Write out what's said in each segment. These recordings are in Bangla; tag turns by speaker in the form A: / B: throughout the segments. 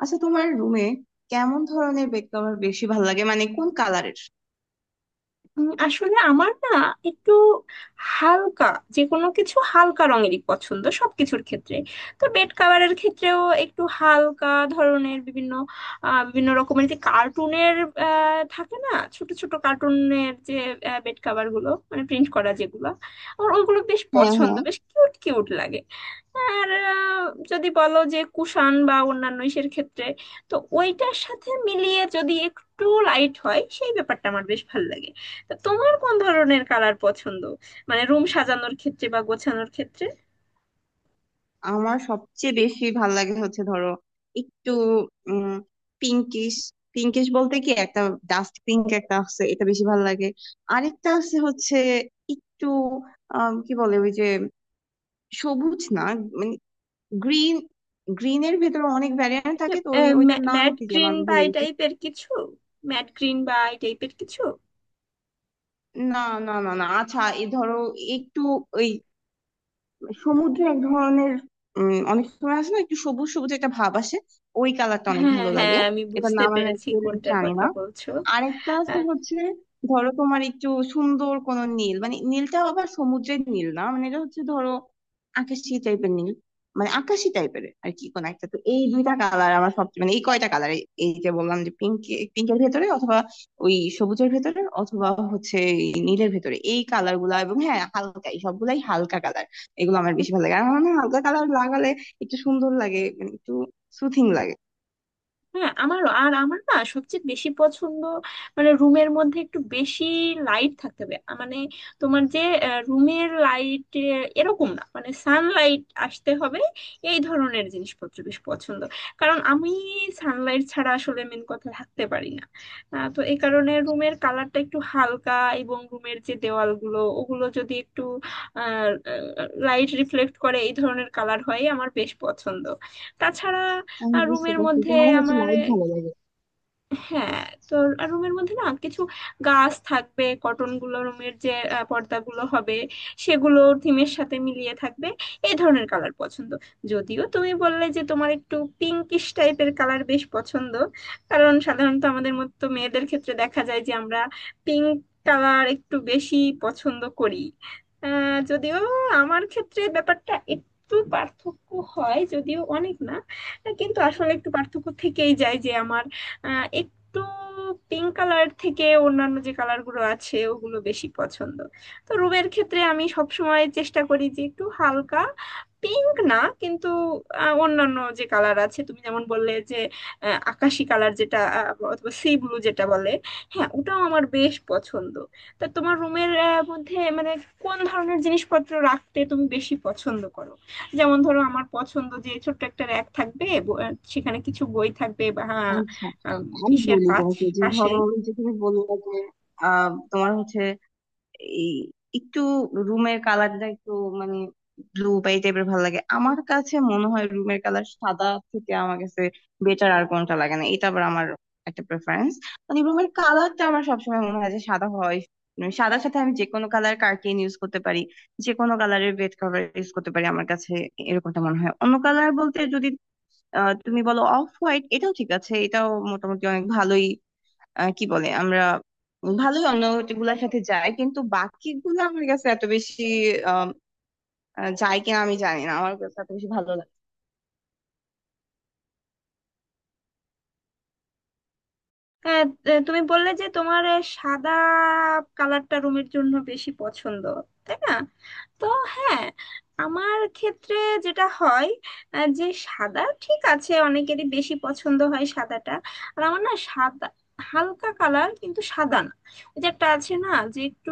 A: আচ্ছা, তোমার রুমে কেমন ধরনের বেড কভার বেশি ভালো লাগে, মানে কোন কালারের?
B: আসলে আমার না একটু হালকা, যে কোনো কিছু হালকা রঙেরই পছন্দ সবকিছুর ক্ষেত্রে। তো বেড কাভারের ক্ষেত্রেও একটু হালকা ধরনের বিভিন্ন রকমের, যে কার্টুনের থাকে না ছোট ছোট কার্টুনের, যে বেড কাভার গুলো মানে প্রিন্ট করা যেগুলো, আমার ওইগুলো বেশ
A: হ্যাঁ,
B: পছন্দ,
A: হ্যাঁ,
B: বেশ কিউট কিউট লাগে। আর যদি বলো যে কুষাণ বা অন্যান্য ইসের ক্ষেত্রে, তো ওইটার সাথে মিলিয়ে যদি একটু লাইট হয় সেই ব্যাপারটা আমার বেশ ভালো লাগে। তা তোমার কোন ধরনের কালার পছন্দ, মানে রুম সাজানোর ক্ষেত্রে বা গোছানোর ক্ষেত্রে?
A: আমার সবচেয়ে বেশি ভালো লাগে হচ্ছে, ধরো, একটু উম পিঙ্কিশ। পিঙ্কিশ বলতে, কি একটা ডাস্ট পিঙ্ক একটা আছে, এটা বেশি ভালো লাগে। আরেকটা আছে হচ্ছে, একটু কি বলে ওই যে সবুজ না, মানে গ্রিন। গ্রিনের ভেতরে অনেক ভ্যারিয়েন্ট থাকে, তো ওইটার নাম
B: ম্যাট
A: কি যেন
B: গ্রিন
A: আমি
B: বা
A: ভুলে
B: এই
A: গেছি।
B: টাইপের কিছু ম্যাট গ্রিন বা এই টাইপের কিছু?
A: না, না, না, না, আচ্ছা এই ধরো, একটু ওই সমুদ্রে এক ধরনের, অনেক সময় আসে না, একটু সবুজ সবুজ একটা ভাব আসে, ওই কালারটা অনেক
B: হ্যাঁ,
A: ভালো লাগে।
B: হ্যাঁ, আমি
A: এটার
B: বুঝতে
A: নাম আমি
B: পেরেছি
A: অ্যাকচুয়ালি
B: কোনটার
A: জানি
B: কথা
A: না।
B: বলছো।
A: আরেকটা আছে হচ্ছে, ধরো তোমার একটু সুন্দর কোন নীল, মানে নীলটা আবার সমুদ্রের নীল না, মানে এটা হচ্ছে ধরো আকাশি টাইপের নীল। মানে আকাশি টাইপের আর কি কোন একটা, তো এই দুইটা কালার আমার সবচেয়ে, মানে এই কয়টা কালার— এই যে বললাম যে পিঙ্ক। পিঙ্কের ভেতরে অথবা ওই সবুজের ভেতরে অথবা হচ্ছে এই নীলের ভেতরে, এই কালার গুলা, এবং হ্যাঁ হালকা, এই সবগুলাই হালকা কালার। এগুলো আমার বেশি ভালো লাগে। আর আমার মনে হয় হালকা কালার লাগালে একটু সুন্দর লাগে, মানে একটু সুথিং লাগে।
B: হ্যাঁ, আমারও। আর আমার না সবচেয়ে বেশি পছন্দ, মানে রুমের মধ্যে একটু বেশি লাইট থাকতে হবে, মানে তোমার যে রুমের লাইট এরকম না, মানে সানলাইট আসতে হবে, এই ধরনের জিনিসপত্র বেশ পছন্দ। কারণ আমি সানলাইট ছাড়া আসলে মেন কথা থাকতে পারি না। তো এই কারণে রুমের কালারটা একটু হালকা, এবং রুমের যে দেওয়ালগুলো ওগুলো যদি একটু লাইট রিফ্লেক্ট করে এই ধরনের কালার হয় আমার বেশ পছন্দ। তাছাড়া
A: আমি
B: আর
A: বুঝতে
B: রুমের
A: পারছি,
B: মধ্যে
A: তোমার হচ্ছে
B: আমার,
A: লাইট ভালো লাগে।
B: হ্যাঁ, তো আর রুমের মধ্যে না কিছু গাছ থাকবে, কটন গুলো রুমের যে পর্দাগুলো হবে সেগুলো থিমের সাথে মিলিয়ে থাকবে, এই ধরনের কালার পছন্দ। যদিও তুমি বললে যে তোমার একটু পিঙ্কিশ টাইপের কালার বেশ পছন্দ, কারণ সাধারণত আমাদের মতো মেয়েদের ক্ষেত্রে দেখা যায় যে আমরা পিঙ্ক কালার একটু বেশি পছন্দ করি। যদিও আমার ক্ষেত্রে ব্যাপারটা একটু পার্থক্য হয়, যদিও অনেক না, কিন্তু আসলে একটু পার্থক্য থেকেই যায় যে আমার একটু পিঙ্ক কালার থেকে অন্যান্য যে কালার গুলো আছে ওগুলো বেশি পছন্দ। তো রুমের ক্ষেত্রে আমি সবসময় চেষ্টা করি যে একটু হালকা, পিঙ্ক না কিন্তু, অন্যান্য যে কালার আছে তুমি যেমন বললে যে আকাশি কালার যেটা, অথবা সি ব্লু যেটা বলে, হ্যাঁ ওটাও আমার বেশ পছন্দ। তা তোমার রুমের মধ্যে মানে কোন ধরনের জিনিসপত্র রাখতে তুমি বেশি পছন্দ করো? যেমন ধরো আমার পছন্দ যে ছোট্ট একটা র্যাক থাকবে, সেখানে কিছু বই থাকবে বা হ্যাঁ,
A: আচ্ছা,
B: আম,
A: আমি
B: ইসের
A: বলি তোমাকে, যে ধরো
B: পাশেই।
A: ওই যে তুমি বললে যে তোমার হচ্ছে এই একটু রুমের কালারটা একটু, মানে ব্লু বা এই টাইপের ভালো লাগে। আমার কাছে মনে হয় রুমের কালার সাদা থেকে আমার কাছে বেটার আর কোনটা লাগে না, এটা আবার আমার একটা প্রেফারেন্স। মানে রুমের কালারটা, আমার সবসময় মনে হয় যে সাদা হয়। মানে সাদার সাথে আমি যে কোনো কালার কার্টেন ইউজ করতে পারি, যে কোনো কালারের বেড কভার ইউজ করতে পারি, আমার কাছে এরকমটা মনে হয়। অন্য কালার বলতে যদি, তুমি বলো অফ হোয়াইট, এটাও ঠিক আছে, এটাও মোটামুটি অনেক ভালোই, কি বলে আমরা, ভালোই অন্য গুলার সাথে যায়। কিন্তু বাকিগুলো আমার কাছে এত বেশি আম, যায় কিনা আমি জানি না, আমার কাছে এত বেশি ভালো লাগে।
B: হ্যাঁ, তুমি বললে যে তোমার সাদা কালারটা রুমের জন্য বেশি পছন্দ, তাই না? তো হ্যাঁ, আমার ক্ষেত্রে যেটা হয়, যে সাদা ঠিক আছে, অনেকেরই বেশি পছন্দ হয় সাদাটা। আর আমার না সাদা, হালকা কালার কিন্তু সাদা না, ওই যে একটা আছে না যে একটু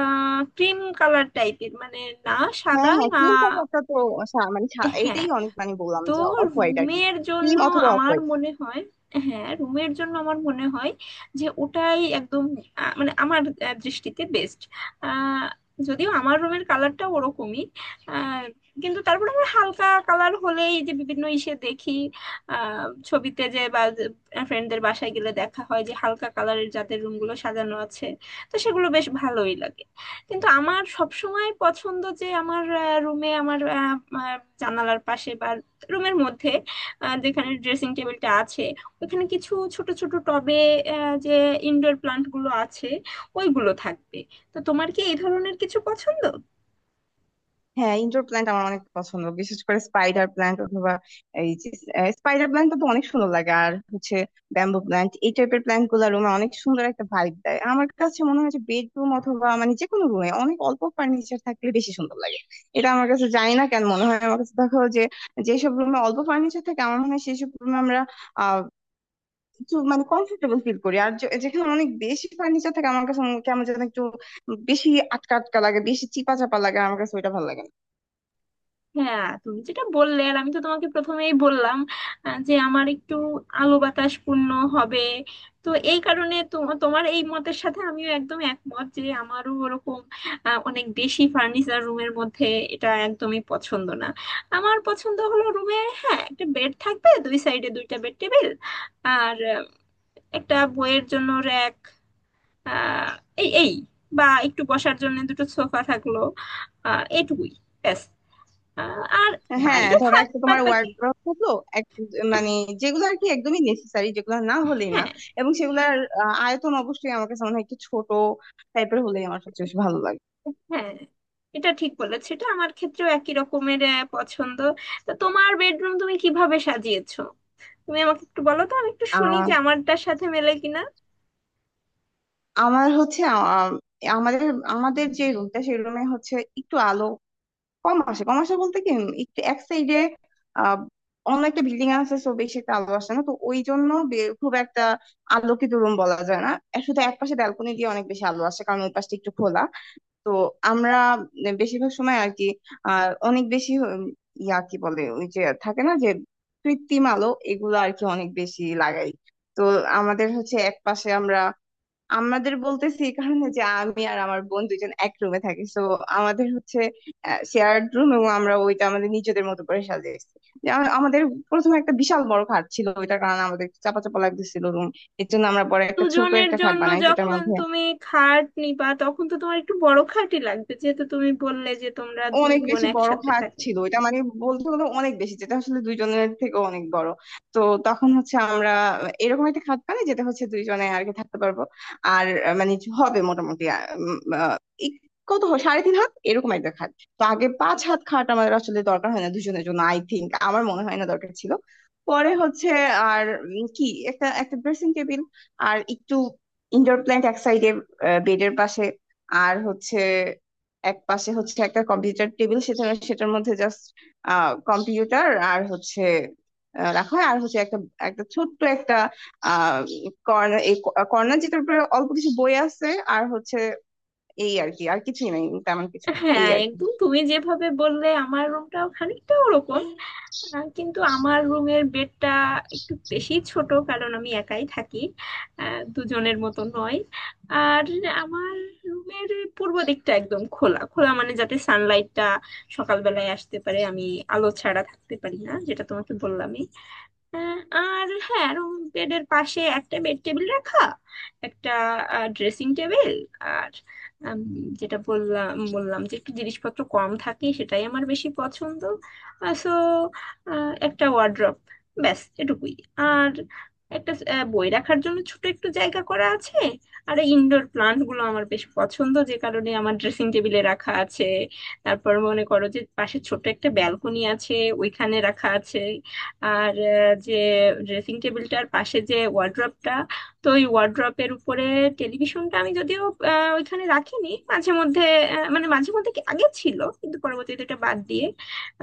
B: ক্রিম কালার টাইপের, মানে না
A: হ্যাঁ,
B: সাদা
A: হ্যাঁ,
B: না।
A: ক্রিম কালারটা তো মানে
B: হ্যাঁ,
A: এইটাই, অনেক মানে বললাম
B: তো
A: যে অফ হোয়াইট আর কি,
B: রুমের জন্য
A: ক্রিম অথবা অফ
B: আমার
A: হোয়াইট।
B: মনে হয়, হ্যাঁ রুমের জন্য আমার মনে হয় যে ওটাই একদম মানে আমার দৃষ্টিতে বেস্ট। যদিও আমার রুমের কালারটা ওরকমই, আহ, কিন্তু তারপর আমার হালকা কালার হলেই যে বিভিন্ন ইসে দেখি, আহ, ছবিতে যে বা ফ্রেন্ডদের বাসায় গেলে দেখা হয় যে হালকা কালারের যাদের রুমগুলো সাজানো আছে, তো সেগুলো বেশ ভালোই লাগে। কিন্তু আমার সবসময় পছন্দ যে আমার রুমে আমার আহ, আহ, জানালার পাশে বা রুমের মধ্যে যেখানে ড্রেসিং টেবিলটা আছে ওখানে কিছু ছোট ছোট টবে, যে ইনডোর প্লান্ট গুলো আছে ওইগুলো থাকবে। তো তোমার কি এই ধরনের কিছু পছন্দ?
A: হ্যাঁ, ইনডোর প্ল্যান্ট আমার অনেক পছন্দ, বিশেষ করে স্পাইডার প্ল্যান্ট অথবা এই যে, স্পাইডার প্ল্যান্ট তো অনেক সুন্দর লাগে। আর হচ্ছে ব্যাম্বু প্ল্যান্ট, এই টাইপের প্ল্যান্ট গুলা রুমে অনেক সুন্দর একটা ভাইব দেয়। আমার কাছে মনে হয় যে বেডরুম অথবা মানে যে কোনো রুমে অনেক অল্প ফার্নিচার থাকলে বেশি সুন্দর লাগে। এটা আমার কাছে, জানি না কেন মনে হয়, আমার কাছে দেখো যে, যেসব রুমে অল্প ফার্নিচার থাকে, আমার মনে হয় সেইসব রুমে আমরা আহ একটু, মানে কমফোর্টেবল ফিল করি। আর যেখানে অনেক বেশি ফার্নিচার থাকে, আমার কাছে কেমন যেন একটু বেশি আটকা আটকা লাগে, বেশি চিপা চাপা লাগে, আমার কাছে ওইটা ভালো লাগে না।
B: হ্যাঁ তুমি যেটা বললে, আর আমি তো তোমাকে প্রথমেই বললাম, যে আমার একটু আলো বাতাস পূর্ণ হবে, তো এই কারণে তোমার এই মতের সাথে আমিও একদম একমত যে আমারও ওরকম অনেক বেশি ফার্নিচার রুমের মধ্যে এটা একদমই পছন্দ না। আমার পছন্দ হলো রুমে হ্যাঁ একটা বেড থাকবে, দুই সাইডে দুইটা বেড টেবিল, আর একটা বইয়ের জন্য র্যাক এই এই বা একটু বসার জন্য দুটো সোফা থাকলো, এটুকুই, ব্যাস, আর
A: হ্যাঁ,
B: বাইরে
A: ধরো
B: থাক
A: একটা
B: বাদ
A: তোমার
B: বাকি।
A: ওয়ার্ড্রব থাকলো, এক- মানে যেগুলো আর কি একদমই নেসেসারি, যেগুলো না হলেই না।
B: হ্যাঁ,
A: এবং সেগুলোর আয়তন অবশ্যই আমার কাছে মনে হয় একটু ছোট টাইপের হলেই আমার সবচেয়ে বেশি ভালো লাগে।
B: হ্যাঁ এটা ঠিক বলেছে, এটা আমার ক্ষেত্রেও একই রকমের পছন্দ। তো তোমার বেডরুম তুমি কিভাবে সাজিয়েছো? তুমি আমাকে একটু বলো তো, আমি একটু শুনি
A: আহ
B: যে আমারটার সাথে মেলে কিনা।
A: আমার হচ্ছে, আমাদের আমাদের যে রুমটা সেই রুমে হচ্ছে একটু আলো কম আসে। কম আসে বলতে কি, একটু এক সাইডে আহ অন্য একটা বিল্ডিং আছে, সো বেশি একটা আলো আসে না। তো ওই জন্য খুব একটা আলোকিত রুম বলা যায় না। আর শুধু এক পাশে ব্যালকনি দিয়ে অনেক বেশি আলো আসে, কারণ ওই পাশটা একটু খোলা। তো আমরা বেশিরভাগ সময় আর কি, অনেক বেশি উম, ইয়া কি বলে ওই যে থাকে না যে কৃত্রিম আলো, এগুলো আর কি অনেক বেশি লাগাই। তো আমাদের হচ্ছে এক পাশে আমরা, আমাদের বলতেছি এই কারণে যে আমি আর আমার বোন দুইজন এক রুমে থাকি, তো আমাদের হচ্ছে শেয়ার্ড রুম, এবং আমরা ওইটা আমাদের নিজেদের মতো করে সাজিয়েছি। যে আমাদের প্রথমে একটা বিশাল বড় খাট ছিল, ওইটার কারণে আমাদের চাপা চাপা লাগতেছিল রুম। এর জন্য আমরা পরে একটা ছোট
B: দুজনের
A: একটা খাট
B: জন্য
A: বানাই, যেটার
B: যখন
A: মধ্যে
B: তুমি খাট নিবা তখন তো তোমার একটু বড় খাটই লাগবে, যেহেতু তুমি বললে যে তোমরা দুই
A: অনেক
B: বোন
A: বেশি বড়
B: একসাথে
A: ফাঁক
B: থাকো।
A: ছিল, এটা মানে বলতে গেলে অনেক বেশি, যেটা আসলে দুইজনের থেকে অনেক বড়। তো তখন হচ্ছে আমরা এরকম একটা খাট পাই যেটা হচ্ছে দুইজনে আর কি থাকতে পারবো। আর মানে হবে মোটামুটি এক- কত হয়, সাড়ে 3 হাত এরকম একটা খাট। তো আগে 5 হাত খাট আমাদের আসলে দরকার হয় না দুজনের জন্য। আই থিংক, আমার মনে হয় না দরকার ছিল। পরে হচ্ছে আর কি একটা একটা ড্রেসিং টেবিল, আর একটু ইনডোর প্ল্যান্ট এক সাইডে বেডের পাশে। আর হচ্ছে এক পাশে হচ্ছে একটা কম্পিউটার টেবিল, সেখানে সেটার মধ্যে জাস্ট কম্পিউটার আর হচ্ছে রাখা হয়। আর হচ্ছে একটা একটা ছোট্ট একটা আহ কর্নার, এই কর্নার যেটার উপরে অল্প কিছু বই আছে। আর হচ্ছে এই আর কি, আর কিছুই নাই তেমন কিছু, এই
B: হ্যাঁ
A: আর কি।
B: একদম, তুমি যেভাবে বললে আমার রুমটাও খানিকটা ওরকম। কিন্তু আমার রুমের বেডটা একটু বেশি ছোট, কারণ আমি একাই থাকি, দুজনের মতো নয়। আর আমার রুমের পূর্ব দিকটা একদম খোলা খোলা, মানে যাতে সানলাইটটা সকালবেলায় আসতে পারে, আমি আলো ছাড়া থাকতে পারি না যেটা তোমাকে বললামই। আর হ্যাঁ, রুম বেডের পাশে একটা বেড টেবিল রাখা, একটা ড্রেসিং টেবিল, আর উম, যেটা বললাম বললাম যে একটু জিনিসপত্র কম থাকে সেটাই আমার বেশি পছন্দ। সো একটা ওয়ার্ড্রপ, ব্যাস এটুকুই। আর একটা বই রাখার জন্য ছোট একটু জায়গা করা আছে। আর ইনডোর প্লান্ট গুলো আমার বেশ পছন্দ, যে কারণে আমার ড্রেসিং টেবিলে রাখা আছে। তারপর মনে করো যে পাশে ছোট একটা ব্যালকনি আছে, ওইখানে রাখা আছে। আর যে ড্রেসিং টেবিলটার পাশে যে ওয়ার্ড্রপটা, তো ওই ওয়ার্ড্রপের উপরে টেলিভিশনটা আমি যদিও ওইখানে রাখিনি, মাঝে মধ্যে মানে মাঝে মধ্যে কি আগে ছিল কিন্তু পরবর্তীতে এটা বাদ দিয়ে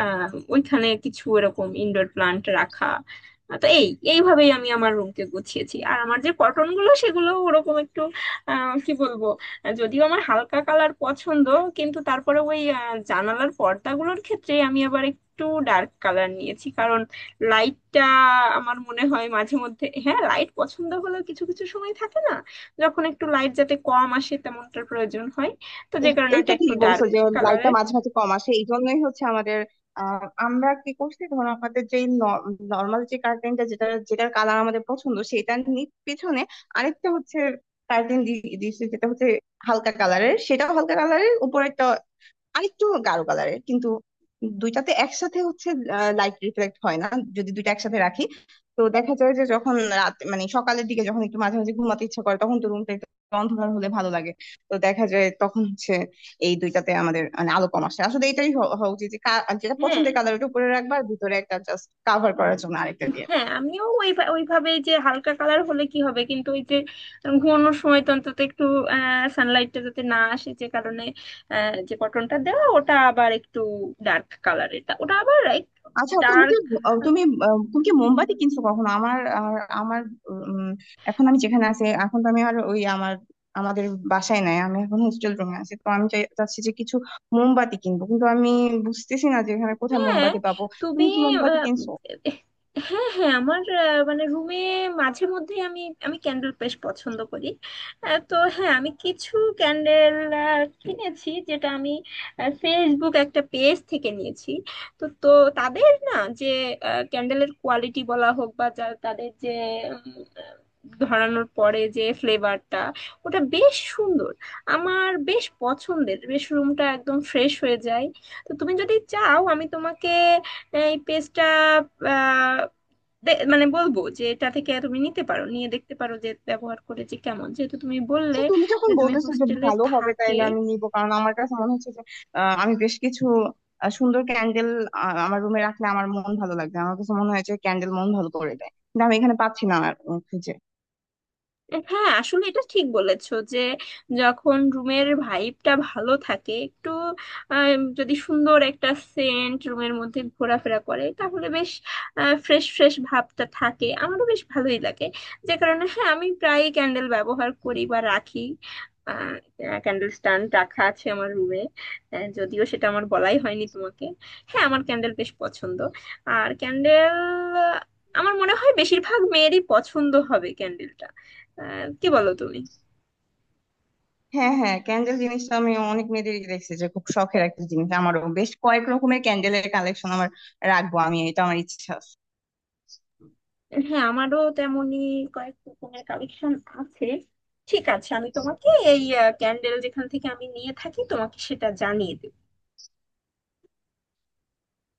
B: আহ ওইখানে কিছু এরকম ইনডোর প্লান্ট রাখা। তো এই এইভাবেই আমি আমার রুমকে গুছিয়েছি। আর আমার যে কটন গুলো সেগুলো ওরকম একটু কি বলবো, যদিও আমার হালকা কালার পছন্দ, কিন্তু তারপরে ওই জানালার পর্দাগুলোর ক্ষেত্রে আমি আবার একটু ডার্ক কালার নিয়েছি, কারণ লাইটটা আমার মনে হয় মাঝে মধ্যে, হ্যাঁ লাইট পছন্দ হলেও কিছু কিছু সময় থাকে না যখন একটু লাইট যাতে কম আসে তেমনটার প্রয়োজন হয়, তো যে কারণে ওটা
A: এইটা
B: একটু
A: ঠিক বলছো
B: ডার্ক
A: যে লাইটটা
B: কালারের।
A: মাঝে মাঝে কম আসে। এই জন্যই হচ্ছে আমাদের, আমরা কি করছি, ধরো আমাদের যে নর্মাল যে কার্টেনটা, যেটার কালার আমাদের পছন্দ, সেটার পিছনে আরেকটা হচ্ছে কার্টেন দিয়েছে, যেটা হচ্ছে হালকা কালারের, সেটাও হালকা কালারের, উপরেরটা আরেকটু গাঢ় কালারের। কিন্তু দুইটাতে একসাথে হচ্ছে লাইট রিফ্লেক্ট হয় না, যদি দুইটা একসাথে রাখি। তো দেখা যায় যে যখন রাত, মানে সকালের দিকে যখন একটু মাঝে মাঝে ঘুমাতে ইচ্ছা করে, তখন তো রুমটা একটু অন্ধকার হলে ভালো লাগে। তো দেখা যায় তখন হচ্ছে এই দুইটাতে আমাদের মানে আলো কম আসে। আসলে এটাই হওয়া উচিত, যে যেটা
B: হ্যাঁ,
A: পছন্দের কালার, ওটা উপরে রাখবা, আর ভিতরে একটা জাস্ট কাভার করার জন্য আরেকটা দিয়ে।
B: হ্যাঁ আমিও ওই ওইভাবে, যে হালকা কালার হলে কি হবে কিন্তু ওই যে ঘুমানোর সময় তো অন্তত একটু সানলাইটটা যাতে না আসে, যে কারণে যে কটনটা দেওয়া ওটা আবার একটু ডার্ক কালারের, ওটা আবার একটু
A: আচ্ছা তুমি কি,
B: ডার্ক।
A: তুমি, তুমি কি মোমবাতি কিনছো কখনো? আমার আর আমার উম, এখন আমি যেখানে আছি, এখন তো আমি আর ওই আমার, আমাদের বাসায় নাই, আমি এখন হোস্টেল রুমে আছি। তো আমি চাচ্ছি যে কিছু মোমবাতি কিনবো, কিন্তু আমি বুঝতেছি না যে এখানে কোথায়
B: হ্যাঁ,
A: মোমবাতি পাবো।
B: তুমি
A: তুমি কি মোমবাতি
B: আহ,
A: কিনছো?
B: হ্যাঁ, হ্যাঁ আমার মানে রুমে মাঝে মধ্যে আমি আমি ক্যান্ডেল বেশ পছন্দ করি। তো হ্যাঁ, আমি কিছু ক্যান্ডেল কিনেছি, যেটা আমি ফেসবুক একটা পেজ থেকে নিয়েছি। তো তো তাদের না যে ক্যান্ডেলের কোয়ালিটি বলা হোক বা যা, তাদের যে উম, ধরানোর পরে যে ফ্লেভারটা ওটা বেশ সুন্দর, আমার বেশ পছন্দের, বেশ রুমটা একদম ফ্রেশ হয়ে যায়। তো তুমি যদি চাও আমি তোমাকে এই পেজটা, মানে বলবো যে এটা থেকে তুমি নিতে পারো, নিয়ে দেখতে পারো যে ব্যবহার করে যে কেমন, যেহেতু তুমি বললে
A: আচ্ছা, তুমি যখন
B: যে তুমি
A: বলতেছো যে
B: হোস্টেলে
A: ভালো হবে,
B: থাকে।
A: তাইলে আমি নিবো, কারণ আমার কাছে মনে হচ্ছে যে আমি বেশ কিছু সুন্দর ক্যান্ডেল আমার রুমে রাখলে আমার মন ভালো লাগবে। আমার কাছে মনে হয় যে ক্যান্ডেল মন ভালো করে দেয়, কিন্তু আমি এখানে পাচ্ছি না আর খুঁজে।
B: হ্যাঁ আসলে এটা ঠিক বলেছো যে যখন রুমের ভাইবটা ভালো থাকে একটু, যদি সুন্দর একটা সেন্ট রুমের মধ্যে ঘোরাফেরা করে তাহলে বেশ ফ্রেশ ফ্রেশ ভাবটা থাকে, আমারও বেশ ভালোই লাগে। যে কারণে হ্যাঁ আমি প্রায়ই ক্যান্ডেল ব্যবহার করি বা রাখি, ক্যান্ডেল স্ট্যান্ড রাখা আছে আমার রুমে, যদিও সেটা আমার বলাই হয়নি তোমাকে। হ্যাঁ আমার ক্যান্ডেল বেশ পছন্দ, আর ক্যান্ডেল আমার মনে হয় বেশিরভাগ মেয়েরই পছন্দ হবে ক্যান্ডেলটা, কি বলো তুমি?
A: হ্যাঁ, হ্যাঁ, ক্যান্ডেল জিনিসটা আমি অনেক মেয়েদেরই দেখছি যে খুব শখের একটা জিনিস। আমারও বেশ কয়েক রকমের ক্যান্ডেলের কালেকশন আমার রাখবো আমি, এটা আমার ইচ্ছা আছে।
B: হ্যাঁ আমারও তেমনই, কয়েক রকমের কালেকশন আছে। ঠিক আছে, আমি তোমাকে এই ক্যান্ডেল যেখান থেকে আমি নিয়ে থাকি তোমাকে সেটা জানিয়ে দেব।